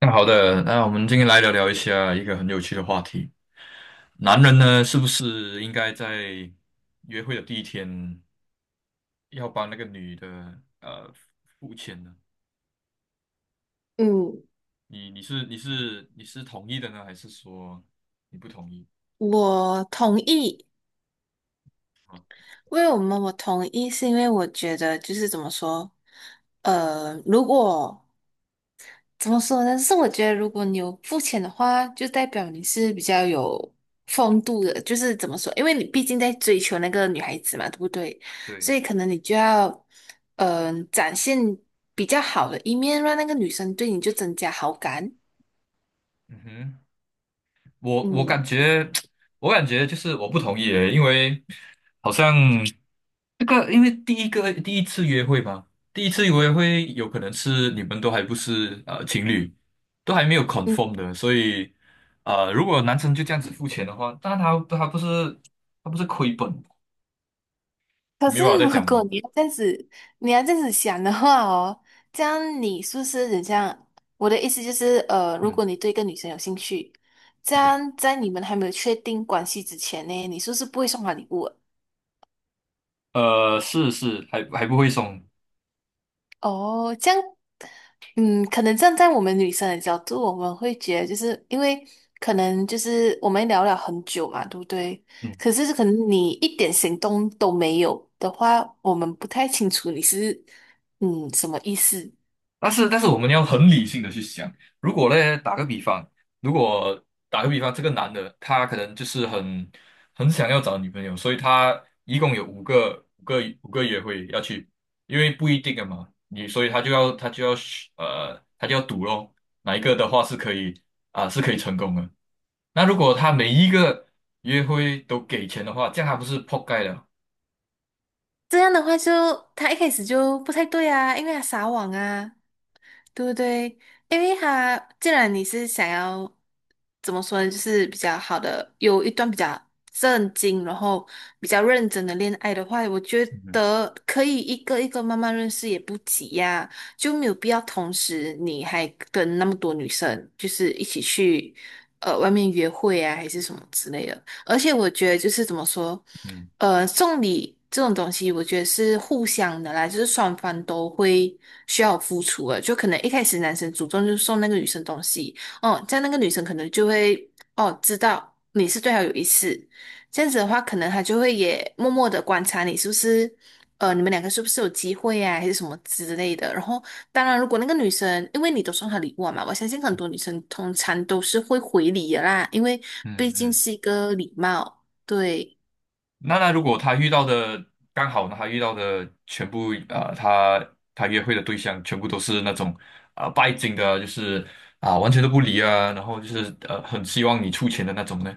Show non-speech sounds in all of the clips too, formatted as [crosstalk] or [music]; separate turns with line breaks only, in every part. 那好的，那我们今天来聊聊一下一个很有趣的话题。男人呢，是不是应该在约会的第一天要帮那个女的付钱呢？
嗯，
你是同意的呢，还是说你不同意？
我同意。为我们我同意，是因为我觉得就是怎么说，如果怎么说呢？是我觉得如果你有付钱的话，就代表你是比较有风度的。就是怎么说，因为你毕竟在追求那个女孩子嘛，对不对？所
对，
以可能你就要，展现比较好的一面，让那个女生对你就增加好感。
嗯哼，我我感
嗯。
觉 [tsk] 我感觉就是我不同意耶，因为好像。这个因为第一次约会嘛，第一次约会有可能是你们都还不是情侣，都还没有 confirm 的，所以如果男生就这样子付钱的话，那他他不是他不是亏本？
可
你明
是
白我在
如
讲
果
吗？
你要这样子，你要这样子想的话哦，这样你是不是很像？我的意思就是，如
嗯，
果你对一个女生有兴趣，这
对，
样在你们还没有确定关系之前呢，你是不是不会送她礼物的？
还不会送，
哦，这样，可能站在我们女生的角度，我们会觉得就是因为可能就是我们聊了很久嘛，对不对？
嗯。
可是可能你一点行动都没有的话，我们不太清楚你是什么意思。
但是，但是我们要很理性的去想，如果呢，打个比方，如果打个比方，这个男的他可能就是很想要找女朋友，所以他一共有五个约会要去，因为不一定的嘛，你所以他就要赌咯，哪一个的话是可以啊、是可以成功的。那如果他每一个约会都给钱的话，这样他不是破盖了？
这样的话就，他一开始就不太对啊，因为他撒网啊，对不对？因为他既然你是想要怎么说呢，就是比较好的，有一段比较正经，然后比较认真的恋爱的话，我觉
嗯
得可以一个一个慢慢认识也不急呀、就没有必要同时你还跟那么多女生就是一起去外面约会啊，还是什么之类的。而且我觉得就是怎么说，
嗯
送礼这种东西，我觉得是互相的啦，就是双方都会需要付出的。就可能一开始男生主动就送那个女生东西，哦，这样那个女生可能就会哦知道你是对她有意思，这样子的话，可能她就会也默默的观察你是不是，你们两个是不是有机会啊，还是什么之类的。然后当然，如果那个女生，因为你都送她礼物了嘛，我相信很多女生通常都是会回礼的啦，因为毕
嗯
竟
嗯。
是一个礼貌。对，
那如果他遇到的刚好呢，他遇到的全部啊、他约会的对象全部都是那种啊、呃拜金的，就是啊、完全都不理啊，然后就是呃很希望你出钱的那种呢？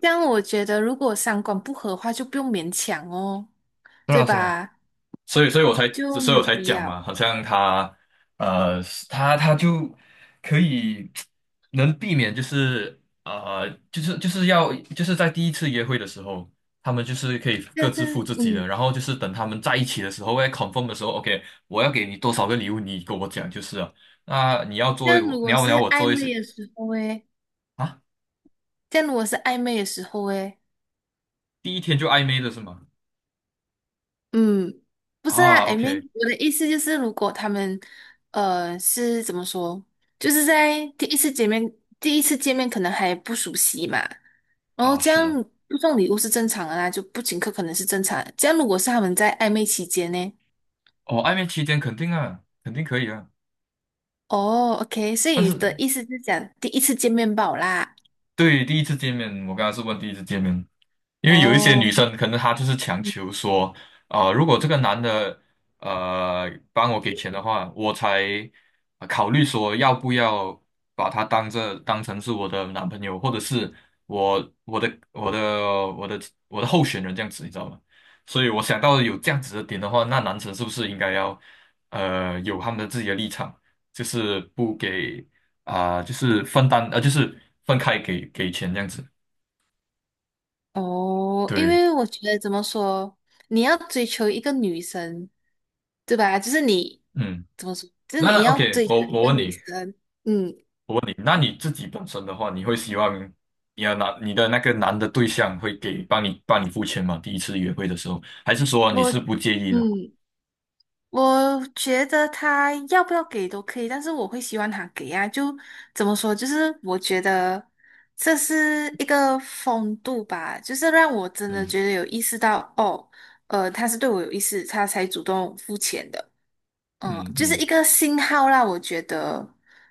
这样我觉得，如果三观不合的话，就不用勉强哦，
是
对
啦是啦，
吧？
所以，所以我才，
就
所
没
以我
有
才
必
讲
要。
嘛，好像他，呃，他他就可以能避免，就是呃，就是就是要就是在第一次约会的时候，他们就是可以各
但是，
自付自己的，
嗯，
然后就是等他们在一起的时候，要 confirm 的时候，OK，我要给你多少个礼物，你跟我讲就是了。那你要
这
做，
样如
你
果
要你
是
要我
暧
做一些
昧的时候，诶，
啊，
这样如果是暧昧的时候，诶。
第一天就暧昧的是吗？
嗯，不是啊，
啊，OK，
我的意思就是，如果他们，是怎么说，就是在第一次见面，第一次见面可能还不熟悉嘛，然后
啊，
这
是啊，
样不送礼物是正常的啦，就不请客可能是正常的这样如果是他们在暧昧期间呢？
哦，暧昧期间肯定啊，肯定可以啊。
哦，OK，所以
但
你
是。
的意思是讲第一次见面吧啦？
对，第一次见面，我刚刚是问第一次见面，因为有一些
哦
女生可能她就是强求说，啊，如果这个男的帮我给钱的话，我才考虑说要不要把他当这当成是我的男朋友，或者是我我的我的我的我的候选人这样子，你知道吗？所以我想到有这样子的点的话，那男生是不是应该要有他们的自己的立场，就是不给。啊、就是分担，呃，就是分开给钱这样子。
哦，因
对，
为我觉得怎么说，你要追求一个女生，对吧？就是你
嗯，
怎么说，就是你
那
要
OK，
追求
我
一
我
个
问
女
你，
生。嗯，
问你，那你自己本身的话，你会希望你的那个男的对象会给帮你付钱吗？第一次约会的时候，还是说你
我
是不介意
嗯，
的？
我觉得他要不要给都可以，但是我会希望他给啊。就怎么说，就是我觉得这是一个风度吧，就是让我真的
嗯
觉得有意识到，哦，他是对我有意思，他才主动付钱的。
嗯
就是
嗯
一个信号啦，我觉得，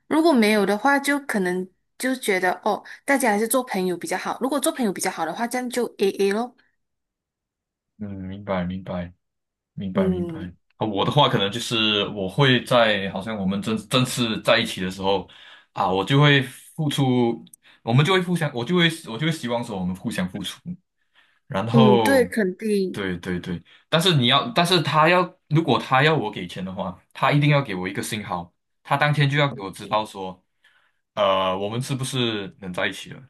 如果没有的话，就可能就觉得哦，大家还是做朋友比较好。如果做朋友比较好的话，这样就 AA 咯。
嗯，明白明白明白明白。
嗯
啊，我的话可能就是我会在好像我们正式在一起的时候啊，我就会付出，我们就会互相，我就会希望说我们互相付出。然
嗯，
后
对，肯定
对对对，但是他要，如果他要我给钱的话，他一定要给我一个信号，他当天就要给我知道说，呃，我们是不是能在一起了？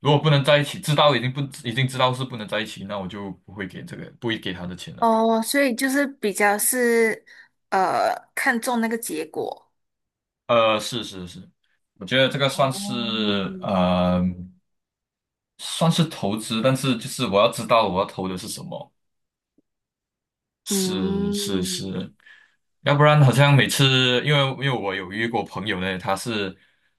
如果不能在一起，知道已经不已经知道是不能在一起，那我就不会给这个，不会给他的钱了。
哦，所以就是比较是看重那个结果。
呃，是是是，我觉得这个算
哦，
是呃，算是投资，但是就是我要知道我要投的是什么。是是
嗯
是，要不然好像每次，因为我有约过朋友呢，他是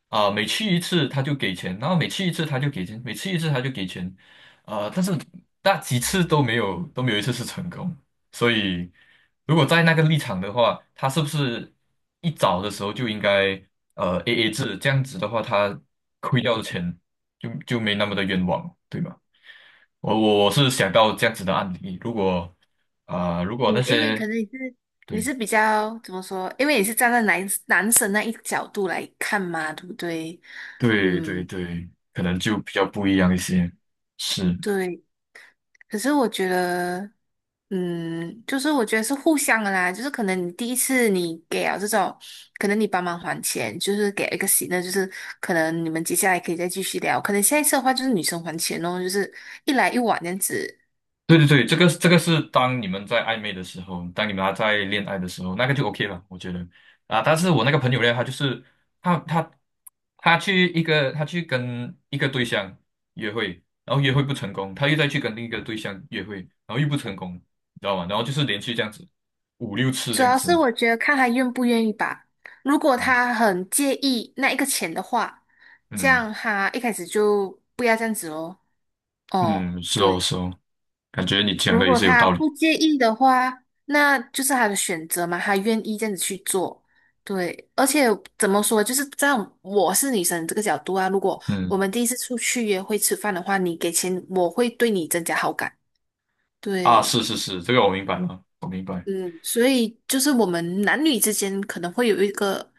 啊、每去一次他就给钱，然后每去一次他就给钱，每去一次他就给钱，呃，但是那几次都没有一次是成功，所以如果在那个立场的话，他是不是一早的时候就应该AA 制，这样子的话他亏掉的钱就没那么的冤枉，对吧？我是想到这样子的案例，如果啊、如果
嗯，
那
因为
些。
可能你是你
对。
是比较怎么说？因为你是站在男生那一角度来看嘛，对不对？
对对
嗯。
对，可能就比较不一样一些。是，
对，可是我觉得，就是我觉得是互相的啦，就是可能你第一次你给了这种，可能你帮忙还钱，就是给了一个喜乐，就是可能你们接下来可以再继续聊，可能下一次的话就是女生还钱哦，就是一来一往这样子。
对对对，这个这个是当你们在暧昧的时候，当你们还在恋爱的时候，那个就 OK 了，我觉得啊。但是我那个朋友呢，他就是他他他去一个他去跟一个对象约会，然后约会不成功，他又再去跟另一个对象约会，然后又不成功，你知道吗？然后就是连续这样子五六次
主
这样
要是
子。
我觉得看他愿不愿意吧，如果
嗯
他很介意那一个钱的话，这
嗯，
样他一开始就不要这样子哦。哦，
嗯是哦
对。
是哦，感觉你讲
如
的也
果
是有
他
道理。
不介意的话，那就是他的选择嘛，他愿意这样子去做。对，而且怎么说，就是在我是女生这个角度啊，如果我
嗯。
们第一次出去约会吃饭的话，你给钱，我会对你增加好感。
啊，
对，
是是是，这个我明白了，我明白
嗯，所以就是我们男女之间可能会有一个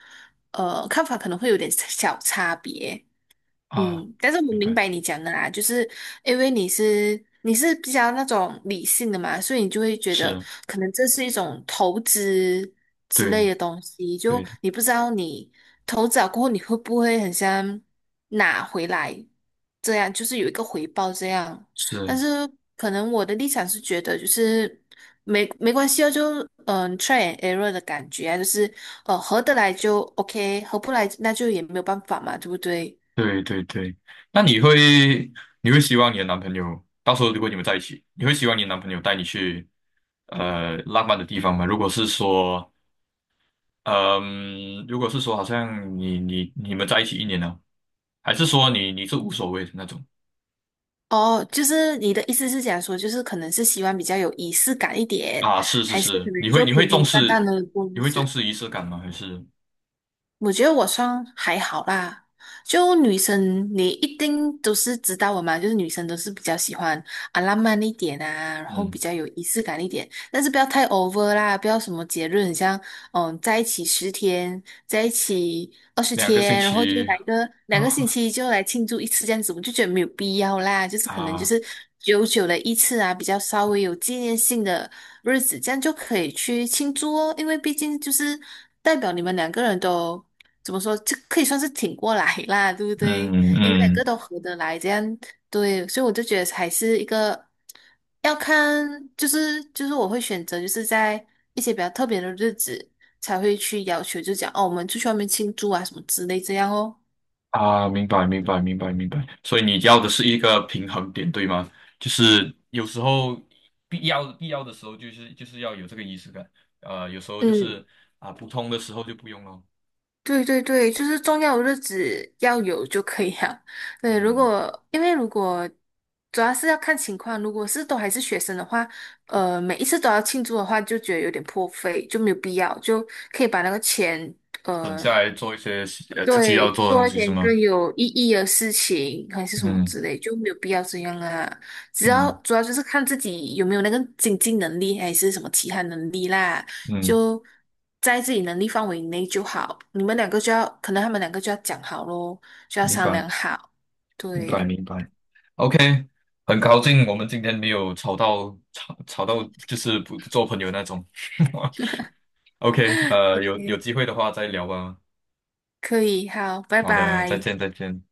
看法，可能会有点小差别。
啊，
但是我
明
明
白，
白你讲的啦，就是因为你是比较那种理性的嘛，所以你就会觉得
是，
可能这是一种投资之类
对
的东西，
对
就
对，
你不知道你投资了过后你会不会很像拿回来，这样就是有一个回报这样。但
是，
是可能我的立场是觉得就是没关系啊，就try and error 的感觉啊，就是合得来就 OK，合不来那就也没有办法嘛，对不对？
对对对。那你会希望你的男朋友到时候如果你们在一起，你会希望你的男朋友带你去浪漫的地方吗？如果是说，嗯、如果是说好像你们在一起一年了，还是说你是无所谓的那种
哦，就是你的意思是讲说，就是可能是希望比较有仪式感一点，
啊？是是
还是可
是，
能就
你
平
会重
平淡淡
视
的过
你
日
会重
子？
视仪式感吗？还是
我觉得我算还好啦，就女生你一定都是知道我嘛，就是女生都是比较喜欢啊浪漫一点啊，然后比
嗯
较有仪式感一点，但是不要太 over 啦，不要什么节日很像在一起十天，在一起二十
两个星
天，然后就
期？
来个两个星
[laughs]
期就来庆祝一次这样子，我就觉得没有必要啦，就是可能就
啊，
是久久的一次啊，比较稍微有纪念性的日子，这样就可以去庆祝哦，因为毕竟就是代表你们两个人都。怎么说，这可以算是挺过来啦，对不对？
嗯
你们两个
嗯
都合得来，这样对，所以我就觉得还是一个要看，就是我会选择就是在一些比较特别的日子才会去要求，就讲哦，我们出去外面庆祝啊什么之类这样哦。
啊，明白明白明白明白，所以你要的是一个平衡点，对吗？就是有时候必要的时候，就是要有这个仪式感，呃，有时候就
嗯。
是啊不通的时候就不用了，
对对对，就是重要的日子要有就可以了。[laughs] 对，如
嗯，
果因为如果主要是要看情况，如果是都还是学生的话，每一次都要庆祝的话，就觉得有点破费，就没有必要，就可以把那个钱，
省
呃，
下来做一些自己要
对，
做的东
做一
西是
点
吗？
更有意义的事情，还是什么
嗯
之类，就没有必要这样啊。只要
嗯
主要就是看自己有没有那个经济能力，还是什么其他能力啦，
嗯，
就在自己能力范围内就好。你们两个就要，可能他们两个就要讲好咯，就要
明
商
白
量好。
明白
对
明白，OK，很高兴我们今天没有吵到到就是不做朋友那种 [laughs]，OK，
[laughs]
呃，有
，OK，
机会的话再聊吧。
可以，好，拜
好的，再
拜。
见，再见。